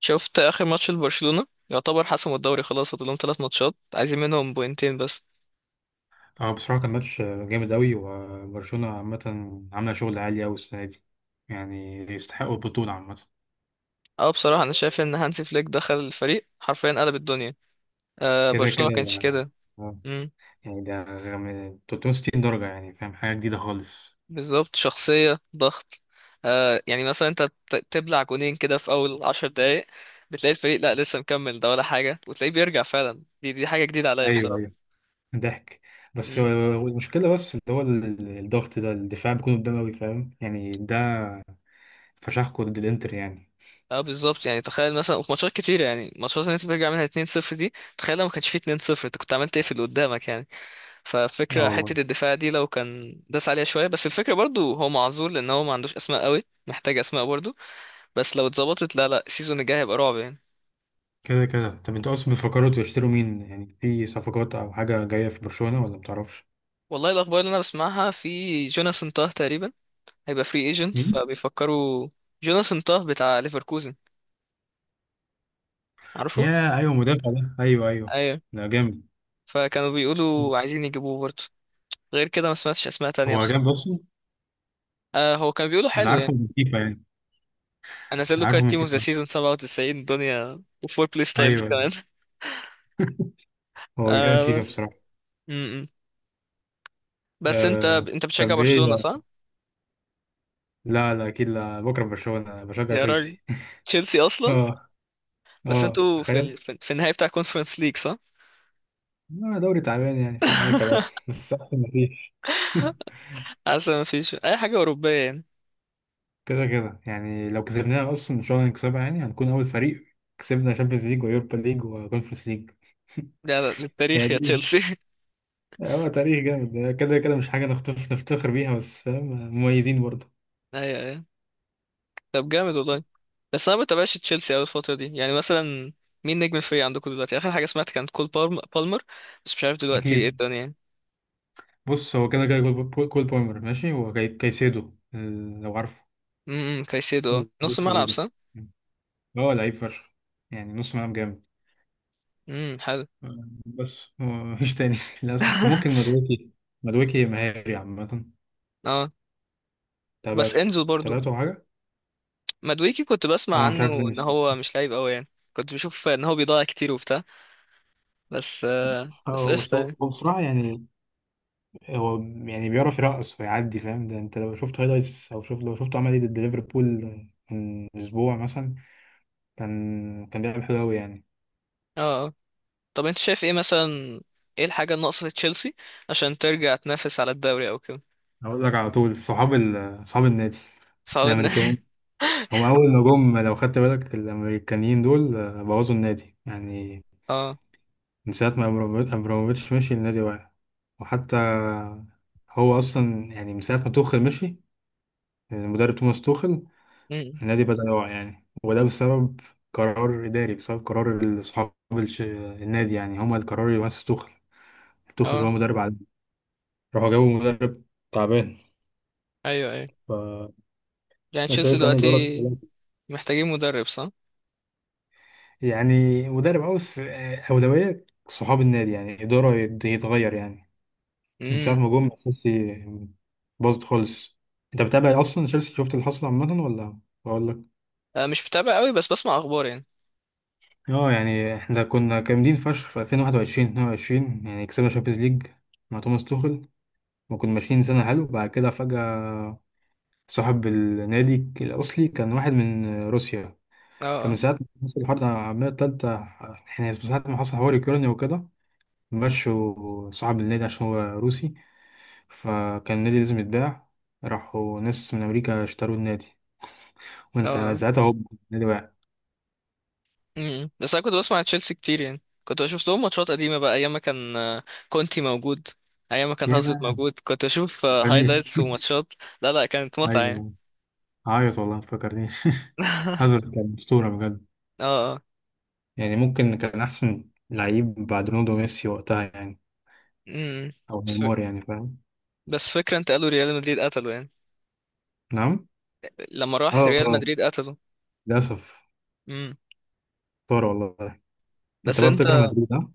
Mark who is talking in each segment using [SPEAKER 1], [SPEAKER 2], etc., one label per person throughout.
[SPEAKER 1] شفت اخر ماتش لبرشلونة، يعتبر حسموا الدوري خلاص، فاضل لهم ثلاث ماتشات عايزين منهم بوينتين بس.
[SPEAKER 2] اه بصراحة كان ماتش جامد أوي، وبرشلونة عامة عاملة شغل عالي أوي السنة دي. يعني يستحقوا البطولة عامة.
[SPEAKER 1] اه بصراحة انا شايف ان هانسي فليك دخل الفريق حرفيا قلب الدنيا. آه
[SPEAKER 2] كده
[SPEAKER 1] برشلونة
[SPEAKER 2] كده
[SPEAKER 1] ما كانش
[SPEAKER 2] يعني.
[SPEAKER 1] كده.
[SPEAKER 2] آه،
[SPEAKER 1] امم
[SPEAKER 2] يعني ده 360 درجة، يعني فاهم، حاجة جديدة خالص.
[SPEAKER 1] بالظبط، شخصية ضغط. آه يعني مثلا انت تبلع جونين كده في اول عشر دقايق، بتلاقي الفريق لا لسه مكمل ده ولا حاجة، وتلاقيه بيرجع، فعلا دي حاجة جديدة عليا
[SPEAKER 2] ايوه ايوه.
[SPEAKER 1] بصراحة.
[SPEAKER 2] ضحك. بس هو
[SPEAKER 1] امم.
[SPEAKER 2] المشكلة، بس اللي هو الضغط ده، الدفاع بيكون قدام أوي، فاهم يعني؟ ده فشخكوا ضد الإنتر يعني.
[SPEAKER 1] اه بالظبط، يعني تخيل مثلا، وفي ماتشات كتيرة يعني، ماتشات اللي انت بترجع منها 2-0 دي، تخيل لو ما كانش فيه 2-0 انت كنت عملت ايه في اللي قدامك يعني.
[SPEAKER 2] اه
[SPEAKER 1] ففكرة
[SPEAKER 2] والله.
[SPEAKER 1] حتة الدفاع دي لو كان داس عليها شوية بس، الفكرة برضو هو معذور لأن هو ما عندوش أسماء قوي، محتاج أسماء برضو. بس لو اتظبطت، لا لا، السيزون الجاي هيبقى رعب يعني.
[SPEAKER 2] كده كده. طب انتوا أصلا بتفكروا تشتروا مين؟ يعني في صفقات أو حاجة جاية في برشلونة ولا متعرفش؟
[SPEAKER 1] والله الأخبار اللي أنا بسمعها في جوناثان تاه تقريبا، هيبقى فري ايجنت
[SPEAKER 2] مين؟
[SPEAKER 1] فبيفكروا. جوناثان تاه بتاع ليفركوزن. عارفه؟
[SPEAKER 2] يا ايوه، مدافع ده، ايوه ايوه.
[SPEAKER 1] أيوه.
[SPEAKER 2] ده جامد.
[SPEAKER 1] فكانوا بيقولوا عايزين يجيبوه برضو، غير كده ما سمعتش أسماء تانية
[SPEAKER 2] هو جامد
[SPEAKER 1] بصراحة.
[SPEAKER 2] اصلا.
[SPEAKER 1] آه هو كان بيقولوا
[SPEAKER 2] انا
[SPEAKER 1] حلو
[SPEAKER 2] عارفه
[SPEAKER 1] يعني.
[SPEAKER 2] من فيفا يعني.
[SPEAKER 1] أنا نزل له
[SPEAKER 2] عارفه
[SPEAKER 1] كارت
[SPEAKER 2] من
[SPEAKER 1] تيم اوف ذا
[SPEAKER 2] فيفا بس.
[SPEAKER 1] سيزون 97 دنيا، وفور بلاي ستايلز
[SPEAKER 2] ايوه، أيوة.
[SPEAKER 1] كمان.
[SPEAKER 2] هو جامد
[SPEAKER 1] آه
[SPEAKER 2] فيفا
[SPEAKER 1] بس.
[SPEAKER 2] بصراحه.
[SPEAKER 1] م- م. بس انت
[SPEAKER 2] آه...
[SPEAKER 1] انت بتشجع
[SPEAKER 2] طب ايه
[SPEAKER 1] برشلونة صح؟
[SPEAKER 2] ده؟ لا لا اكيد، لا، بكره برشلونه، انا بشجع
[SPEAKER 1] يا راجل،
[SPEAKER 2] تشيلسي.
[SPEAKER 1] تشيلسي اصلا؟
[SPEAKER 2] اه.
[SPEAKER 1] بس
[SPEAKER 2] اه
[SPEAKER 1] انتوا في
[SPEAKER 2] تخيل.
[SPEAKER 1] في النهاية بتاع كونفرنس ليج صح؟
[SPEAKER 2] لا دوري تعبان، يعني فاهم اي كلام، بس احسن ما فيش.
[SPEAKER 1] حاسس ما فيش اي حاجة اوروبية يعني.
[SPEAKER 2] كده كده يعني، لو كسبناها اصلا ان شاء الله نكسبها، يعني هنكون اول فريق كسبنا شامبيونز ليج ويوروبا ليج وكونفرنس ليج.
[SPEAKER 1] لا لا،
[SPEAKER 2] هي
[SPEAKER 1] للتاريخ يا
[SPEAKER 2] دي مش.
[SPEAKER 1] تشيلسي.
[SPEAKER 2] هو تاريخ جامد كده كده، مش حاجة نفتخر بيها، بس فاهم، مميزين برضه.
[SPEAKER 1] ايوه ايوه. طب جامد والله. بس انا ما بتابعش تشيلسي اوي الفترة دي، يعني مثلا مين نجم الفريق عندكم دلوقتي؟ اخر حاجة سمعت كانت كول بالمر، بس مش عارف دلوقتي ايه
[SPEAKER 2] اكيد.
[SPEAKER 1] الدنيا يعني.
[SPEAKER 2] بص، هو كده كده كول بومر ماشي، هو كايسيدو لو عارفه.
[SPEAKER 1] امم، كايسيدو؟ اه، نص
[SPEAKER 2] جوز
[SPEAKER 1] ملعب
[SPEAKER 2] كايسيدو،
[SPEAKER 1] صح؟
[SPEAKER 2] هو لعيب فشخ، يعني نص ملعب جامد.
[SPEAKER 1] امم، حلو.
[SPEAKER 2] بس هو مفيش تاني للاسف، ممكن مدويكي. مدويكي مهاري عامه.
[SPEAKER 1] اه، بس
[SPEAKER 2] تابعته.
[SPEAKER 1] انزو برضو.
[SPEAKER 2] تابعته أو حاجه.
[SPEAKER 1] مدويكي كنت بسمع
[SPEAKER 2] اه مش
[SPEAKER 1] عنه
[SPEAKER 2] عارف ازاي
[SPEAKER 1] ان
[SPEAKER 2] نسيت.
[SPEAKER 1] هو مش لعيب قوي يعني، كنت بشوف ان هو بيضيع كتير وبتاع، بس آه، بس
[SPEAKER 2] اه بس
[SPEAKER 1] قشطه
[SPEAKER 2] هو
[SPEAKER 1] يعني.
[SPEAKER 2] هو بصراحه يعني، هو، يعني بيعرف يرقص ويعدي، فاهم؟ ده انت لو شفت هايلايتس، او شفت لو شفته عمل ايه ضد ليفربول من اسبوع مثلا. كان بيلعب حلو قوي يعني.
[SPEAKER 1] اه آه. طب انت شايف ايه مثلا، ايه الحاجه الناقصه في تشيلسي عشان ترجع تنافس على الدوري او كده؟
[SPEAKER 2] اقول لك على طول، صحاب النادي،
[SPEAKER 1] صعب ان
[SPEAKER 2] الامريكان. هم اول ما جم، لو خدت بالك، الامريكانيين دول آه، بوظوا النادي يعني.
[SPEAKER 1] اه.
[SPEAKER 2] من ساعه ما ابراموفيتش مشي، النادي واقع. وحتى هو اصلا يعني من ساعه ما توخل مشي، المدرب توماس توخل،
[SPEAKER 1] امم.
[SPEAKER 2] النادي بدأ يقع يعني. وده بسبب قرار إداري، بسبب قرار النادي، يعني هما القرار اللي مسك توخل. توخل هو
[SPEAKER 1] اه.
[SPEAKER 2] مدرب عادي. راحوا جابوا مدرب تعبان.
[SPEAKER 1] ايوه ايوه،
[SPEAKER 2] فأنا
[SPEAKER 1] يعني تشيلسي
[SPEAKER 2] شايف يعني إدارة،
[SPEAKER 1] دلوقتي محتاجين مدرب صح؟
[SPEAKER 2] يعني مدرب أو بس، أولوية صحاب النادي يعني إدارة يتغير يعني. من ساعة
[SPEAKER 1] امم.
[SPEAKER 2] ما جم أساسي، باظت خالص. أنت بتابع أصلا تشيلسي، شفت اللي حصل عامة ولا أقول لك؟
[SPEAKER 1] آه، مش متابع قوي بس بسمع اخبار يعني.
[SPEAKER 2] اه يعني احنا كنا جامدين فشخ في 2021 22، يعني كسبنا شامبيونز ليج مع توماس توخل. وكنا ماشيين سنة حلو، بعد كده فجأة، صاحب النادي الأصلي كان واحد من روسيا. فمن
[SPEAKER 1] اه
[SPEAKER 2] ساعة ما حصل الحرب العالمية التالتة، احنا من ساعة ما حصل حوار يوكرانيا وكده، مشوا صاحب النادي عشان هو روسي. فكان النادي لازم يتباع. راحوا ناس من أمريكا اشتروا النادي. ومن
[SPEAKER 1] اه. اه.
[SPEAKER 2] ساعتها هو النادي وقع.
[SPEAKER 1] مم. بس انا كنت بسمع تشيلسي كتير، يعني كنت بشوف لهم ماتشات قديمه بقى، ايام ما كان آه، كونتي موجود، ايام ما كان
[SPEAKER 2] يا
[SPEAKER 1] هازارد
[SPEAKER 2] ما،
[SPEAKER 1] موجود، كنت اشوف
[SPEAKER 2] تفكرنيش.
[SPEAKER 1] هايلايتس وماتشات. لا لا، كانت متعه يعني.
[SPEAKER 2] أيوة. عيط والله ما تفكرنيش هازارد كان أسطورة بجد.
[SPEAKER 1] اه اه.
[SPEAKER 2] يعني ممكن كان أحسن لعيب بعد رونالدو وميسي وقتها يعني.
[SPEAKER 1] مم.
[SPEAKER 2] أو
[SPEAKER 1] ف-
[SPEAKER 2] نيمار، يعني فاهم.
[SPEAKER 1] بس فكرة انت قالوا ريال مدريد قتله يعني،
[SPEAKER 2] نعم.
[SPEAKER 1] لما
[SPEAKER 2] اه
[SPEAKER 1] راح ريال
[SPEAKER 2] آه،
[SPEAKER 1] مدريد قتله.
[SPEAKER 2] للأسف.
[SPEAKER 1] مم.
[SPEAKER 2] طار والله. أنت
[SPEAKER 1] بس
[SPEAKER 2] بقى
[SPEAKER 1] انت،
[SPEAKER 2] بتكره مدريد، ها؟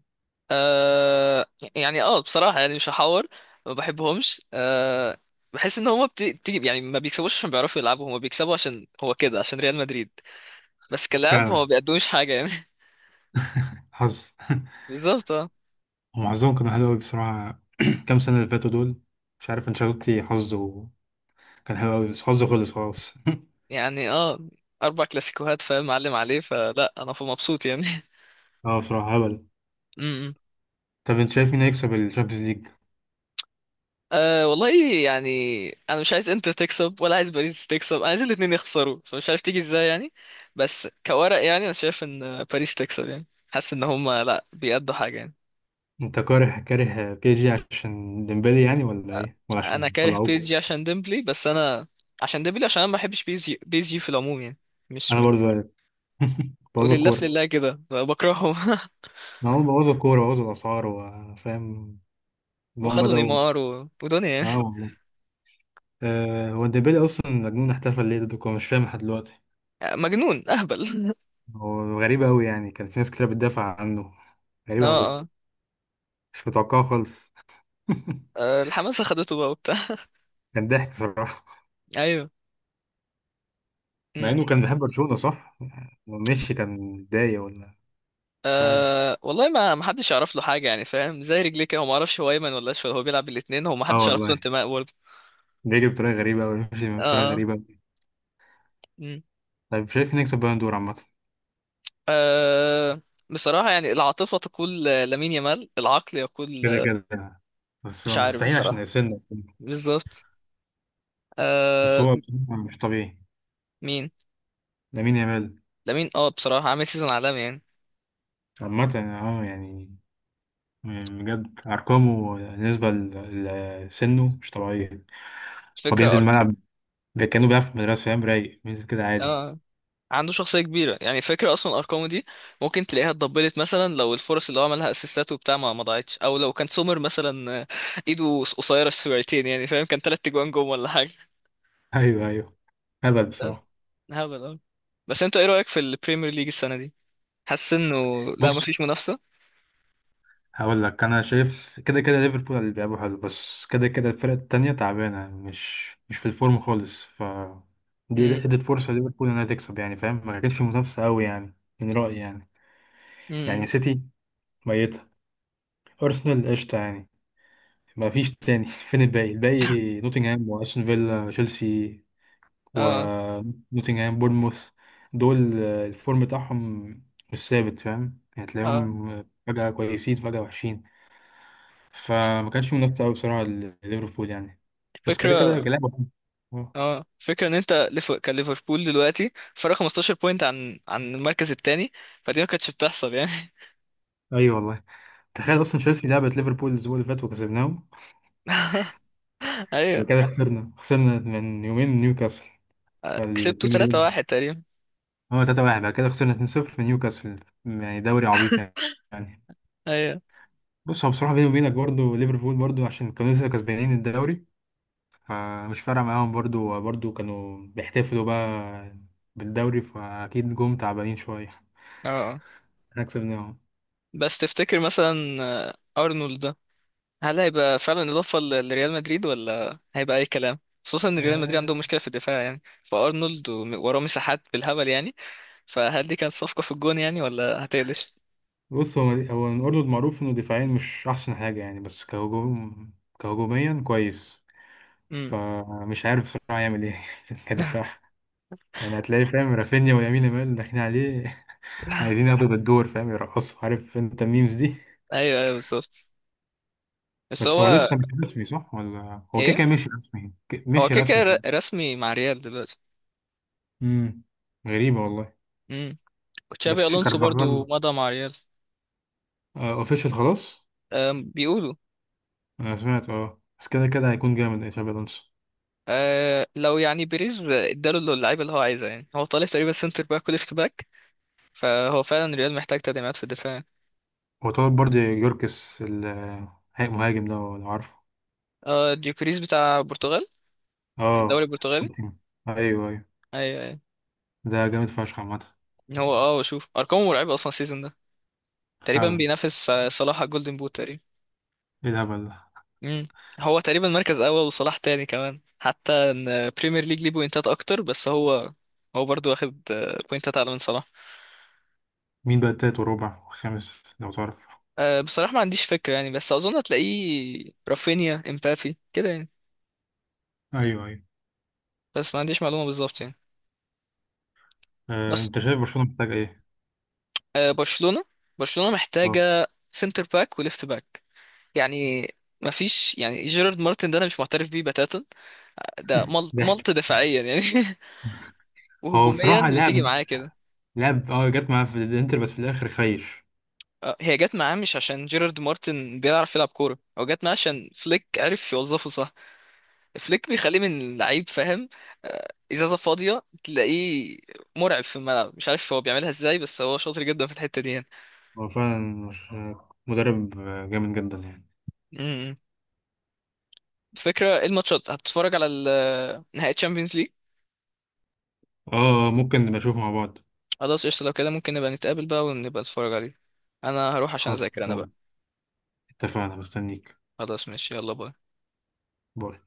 [SPEAKER 1] آه. يعني اه بصراحة، يعني مش هحور، ما بحبهمش آه. بحس ان هما بتيجي يعني ما بيكسبوش عشان بيعرفوا يلعبوا، هما بيكسبوا عشان هو كده، عشان ريال مدريد، بس كلاعب هما ما
[SPEAKER 2] فعلا.
[SPEAKER 1] بيقدموش حاجة يعني.
[SPEAKER 2] حظ
[SPEAKER 1] بالظبط اه.
[SPEAKER 2] هم حظهم كان حلو أوي بصراحة كام سنة اللي فاتوا دول. مش عارف أنشيلوتي، حظه كان حلو أوي بس حظه خلص خلاص.
[SPEAKER 1] يعني اه اربع كلاسيكوهات، فاهم معلم عليه، فلا انا مبسوط يعني.
[SPEAKER 2] اه بصراحة هبل.
[SPEAKER 1] امم.
[SPEAKER 2] طب أنت شايف مين هيكسب الشامبيونز ليج؟
[SPEAKER 1] أه والله يعني، انا مش عايز انتر تكسب ولا عايز باريس تكسب، انا عايز الاتنين يخسروا، فمش عارف تيجي ازاي يعني. بس كورق يعني، انا شايف ان باريس تكسب يعني، حاسس ان هما لا بيأدوا حاجة يعني.
[SPEAKER 2] أنت كاره كاره بي جي عشان ديمبلي يعني، ولا
[SPEAKER 1] آه،
[SPEAKER 2] إيه؟ ولا
[SPEAKER 1] انا
[SPEAKER 2] عشان
[SPEAKER 1] كاره بي اس
[SPEAKER 2] طلعوكوا؟
[SPEAKER 1] جي عشان ديمبلي، بس انا عشان ديمبلي، عشان انا ما بحبش بي اس جي، بي اس جي في العموم يعني، مش
[SPEAKER 2] أنا
[SPEAKER 1] من.
[SPEAKER 2] برضه زيك بوظوا
[SPEAKER 1] ولله في
[SPEAKER 2] الكورة.
[SPEAKER 1] لله كده بكرههم.
[SPEAKER 2] ما هم بوظوا الكورة، بوظوا الأسعار، وفاهم. هم
[SPEAKER 1] وخدوا
[SPEAKER 2] بدأوا.
[SPEAKER 1] نيمار ودنيا يعني.
[SPEAKER 2] اه والله. آه، هو ديمبلي أصلا مجنون، احتفل ليه ضدكم؟ مش فاهم لحد دلوقتي.
[SPEAKER 1] آه، مجنون اهبل.
[SPEAKER 2] هو غريب أوي يعني، كان في ناس كتير بتدافع عنه. غريب
[SPEAKER 1] اه
[SPEAKER 2] أوي.
[SPEAKER 1] اه.
[SPEAKER 2] مش متوقعه خالص
[SPEAKER 1] آه، الحماسة خدته بقى وبتاع.
[SPEAKER 2] كان ضحك صراحة.
[SPEAKER 1] ايوه.
[SPEAKER 2] مع
[SPEAKER 1] م-
[SPEAKER 2] إنه
[SPEAKER 1] م.
[SPEAKER 2] كان بيحب برشلونة صح؟ مشي كان متضايق ولا؟ مش عارف.
[SPEAKER 1] أه والله، ما حدش يعرف له حاجة يعني، فاهم زي رجليك، هو ما اعرفش هو ايمن ولا اشول، هو بيلعب الاثنين، هو ما
[SPEAKER 2] اه
[SPEAKER 1] حدش يعرف له
[SPEAKER 2] والله.
[SPEAKER 1] انتماء برضه.
[SPEAKER 2] بيجري بطريقة غريبة أوي، ماشي بطريقة
[SPEAKER 1] اه.
[SPEAKER 2] غريبة أوي.
[SPEAKER 1] م.
[SPEAKER 2] طيب، شايف نكسب بالون دور عامة.
[SPEAKER 1] أه بصراحة يعني، العاطفة تقول آه، لامين يامال، العقل يقول
[SPEAKER 2] كده
[SPEAKER 1] آه،
[SPEAKER 2] كده، بس
[SPEAKER 1] مش
[SPEAKER 2] هو
[SPEAKER 1] عارف
[SPEAKER 2] مستحيل عشان
[SPEAKER 1] بصراحة.
[SPEAKER 2] السن.
[SPEAKER 1] بالظبط.
[SPEAKER 2] بس
[SPEAKER 1] أه.
[SPEAKER 2] هو بصراحة مش طبيعي.
[SPEAKER 1] مين؟
[SPEAKER 2] لامين يامال.
[SPEAKER 1] لامين، اه بصراحة عامل سيزون عالمي يعني.
[SPEAKER 2] عامة اه يعني، بجد أرقامه بالنسبة لسنه مش طبيعية. هو
[SPEAKER 1] الفكرة
[SPEAKER 2] بينزل الملعب، ده كانوا بقى في المدرسة فاهم، رايق بينزل كده عادي.
[SPEAKER 1] اه، عنده شخصية كبيرة يعني، فكرة أصلا أرقامه دي ممكن تلاقيها اتضبلت، مثلا لو الفرص اللي هو عملها أسيستات وبتاع ما ضاعتش، أو لو كان سومر مثلا آه، إيده قصيرة شويتين يعني، فاهم كان تلات تجوان جم ولا حاجة.
[SPEAKER 2] أيوه أيوه، هبل بصراحة.
[SPEAKER 1] بس. هبل أوي. بس أنت إيه رأيك في البريمير ليج السنة دي؟ حاسس إنه، لا مفيش
[SPEAKER 2] بص،
[SPEAKER 1] منافسة؟
[SPEAKER 2] هقول لك، أنا شايف كده كده ليفربول اللي بيلعبوا حلو، بس كده كده الفرق التانية تعبانة، مش في الفورم خالص. ف دي
[SPEAKER 1] امم.
[SPEAKER 2] ادت فرصة ليفربول إنها تكسب، يعني فاهم، ما كانش في منافسة أوي يعني، من رأيي يعني.
[SPEAKER 1] امم.
[SPEAKER 2] يعني سيتي ميتة. أرسنال قشطة يعني. ما فيش تاني فين الباقي؟ الباقي نوتنغهام وأستون فيلا تشيلسي
[SPEAKER 1] اه
[SPEAKER 2] ونوتنغهام بورنموث. دول آه، الفورم بتاعهم مش ثابت، فاهم يعني؟
[SPEAKER 1] اه.
[SPEAKER 2] تلاقيهم فجأة كويسين فجأة وحشين. فما كانش منافسة أوي بصراحة لليفربول يعني. بس كده كده
[SPEAKER 1] فكرة.
[SPEAKER 2] لعبة حلوة. آه.
[SPEAKER 1] اه فكرة ان انت كان ليفربول دلوقتي فرق 15 بوينت عن المركز التاني، فدي ما كانتش بتحصل يعني.
[SPEAKER 2] أيوة والله. تخيل
[SPEAKER 1] مم.
[SPEAKER 2] أصلا تشيلسي لعبت ليفربول الأسبوع اللي فات وكسبناهم
[SPEAKER 1] ايوه.
[SPEAKER 2] وكده، خسرنا من يومين من نيوكاسل.
[SPEAKER 1] آه، كسبتوا
[SPEAKER 2] فالبريمير ليج.
[SPEAKER 1] 3-1 تقريبا.
[SPEAKER 2] هو 3-1. بعد كده خسرنا 2-0 من نيوكاسل. يعني دوري عبيط يعني يعني.
[SPEAKER 1] ايوه.
[SPEAKER 2] بص، هو بصراحة بيني وبينك، برضه ليفربول برضه عشان كانوا لسه كسبانين الدوري، فمش فارقة معاهم، برضو كانوا بيحتفلوا بقى بالدوري، فأكيد جم تعبانين شوية.
[SPEAKER 1] اه.
[SPEAKER 2] احنا كسبناهم.
[SPEAKER 1] بس تفتكر مثلا آه، ارنولد ده هل هيبقى فعلا اضافه لريال مدريد ولا هيبقى اي كلام؟ خصوصا ان ريال مدريد عندهم
[SPEAKER 2] آه،
[SPEAKER 1] مشكله في الدفاع يعني، فارنولد وراه مساحات بالهبل يعني، فهل دي كانت صفقه في الجون يعني ولا هتقلش؟
[SPEAKER 2] بص، هو الأردن معروف إنه دفاعيا مش أحسن حاجة يعني، بس كهجوم، كهجوميا كويس.
[SPEAKER 1] امم.
[SPEAKER 2] فمش عارف بصراحة يعمل إيه كدفاع. يعني هتلاقي فاهم رافينيا ويمين يامال داخلين عليه عايزين ياخدوا بالدور فاهم يرقصوا، عارف أنت الميمز دي.
[SPEAKER 1] ايوه ايوه بالظبط. بس
[SPEAKER 2] بس هو
[SPEAKER 1] هو،
[SPEAKER 2] لسه مش رسمي صح؟ ولا هو كده
[SPEAKER 1] ايه،
[SPEAKER 2] كده مشي رسمي،
[SPEAKER 1] هو
[SPEAKER 2] مشي
[SPEAKER 1] كده كده
[SPEAKER 2] رسمي.
[SPEAKER 1] رسمي مع ريال دلوقتي.
[SPEAKER 2] امم، غريبة والله.
[SPEAKER 1] امم.
[SPEAKER 2] بس
[SPEAKER 1] تشابي
[SPEAKER 2] في
[SPEAKER 1] الونسو برضو
[SPEAKER 2] كارفاغال،
[SPEAKER 1] مضى مع ريال.
[SPEAKER 2] اوفيشال خلاص.
[SPEAKER 1] أم، بيقولوا.
[SPEAKER 2] انا سمعت اه، بس كده كده هيكون جامد إيه، شابي الونسو.
[SPEAKER 1] أه لو يعني بيريز اداله اللعيبه اللي هو عايزها يعني، هو طالب تقريبا سنتر باك وليفت باك، فهو فعلا الريال محتاج تدعيمات في الدفاع.
[SPEAKER 2] هو طلب برضه يوركس المهاجم ده، لو عارفه.
[SPEAKER 1] اه، ديوكريس بتاع البرتغال، الدوري
[SPEAKER 2] اه
[SPEAKER 1] البرتغالي.
[SPEAKER 2] سبورتينج. ايوه ايوه.
[SPEAKER 1] ايوه ايوه.
[SPEAKER 2] ده جامد فشخ عامة.
[SPEAKER 1] هو اه شوف ارقامه مرعبه اصلا السيزون ده، تقريبا
[SPEAKER 2] فعلا،
[SPEAKER 1] بينافس آه، صلاح على الجولدن بوت تقريبا.
[SPEAKER 2] ايه الهبل ده.
[SPEAKER 1] امم. هو تقريبا مركز اول وصلاح تاني، كمان حتى ان بريمير ليج ليه بوينتات اكتر، بس هو، هو برضو واخد آه، بوينتات اعلى من صلاح.
[SPEAKER 2] مين بقى التالت وربع وخامس لو تعرف؟
[SPEAKER 1] أه بصراحه ما عنديش فكره يعني، بس اظن هتلاقيه رافينيا امبافي كده يعني،
[SPEAKER 2] ايوه ايوه.
[SPEAKER 1] بس ما عنديش معلومه بالظبط يعني.
[SPEAKER 2] آه،
[SPEAKER 1] بس.
[SPEAKER 2] انت شايف برشلونة محتاج ايه؟
[SPEAKER 1] أه برشلونه، برشلونه
[SPEAKER 2] اه
[SPEAKER 1] محتاجه سنتر باك وليفت باك يعني. ما فيش يعني، جيرارد مارتن ده انا مش معترف بيه بتاتا، ده ملط,
[SPEAKER 2] ضحك.
[SPEAKER 1] ملط دفاعيا يعني.
[SPEAKER 2] هو
[SPEAKER 1] وهجوميا
[SPEAKER 2] بصراحة
[SPEAKER 1] بتيجي
[SPEAKER 2] لعب
[SPEAKER 1] معاه كده.
[SPEAKER 2] لعب اه جت معاه في الانتر بس في الاخر خيش.
[SPEAKER 1] آه، هي جت معاه مش عشان جيرارد مارتن بيعرف يلعب كوره، هو جت معاه عشان فليك عرف يوظفه صح، فليك بيخليه من لعيب فاهم، آه، ازازه فاضيه تلاقيه مرعب في الملعب، مش عارف هو بيعملها ازاي، بس هو شاطر جدا في الحته دي يعني.
[SPEAKER 2] هو فعلا، مش آه، مدرب آه، جامد جدا يعني.
[SPEAKER 1] امم. فكره إيه الماتشات، هتتفرج على نهائي تشامبيونز ليج؟
[SPEAKER 2] اه ممكن نبقى نشوفه مع بعض.
[SPEAKER 1] خلاص قشطه، لو كده ممكن نبقى نتقابل بقى ونبقى نتفرج عليه. انا هروح عشان
[SPEAKER 2] خلاص
[SPEAKER 1] اذاكر انا بقى.
[SPEAKER 2] اتفقنا، مستنيك.
[SPEAKER 1] خلاص ماشي يلا باي.
[SPEAKER 2] باي.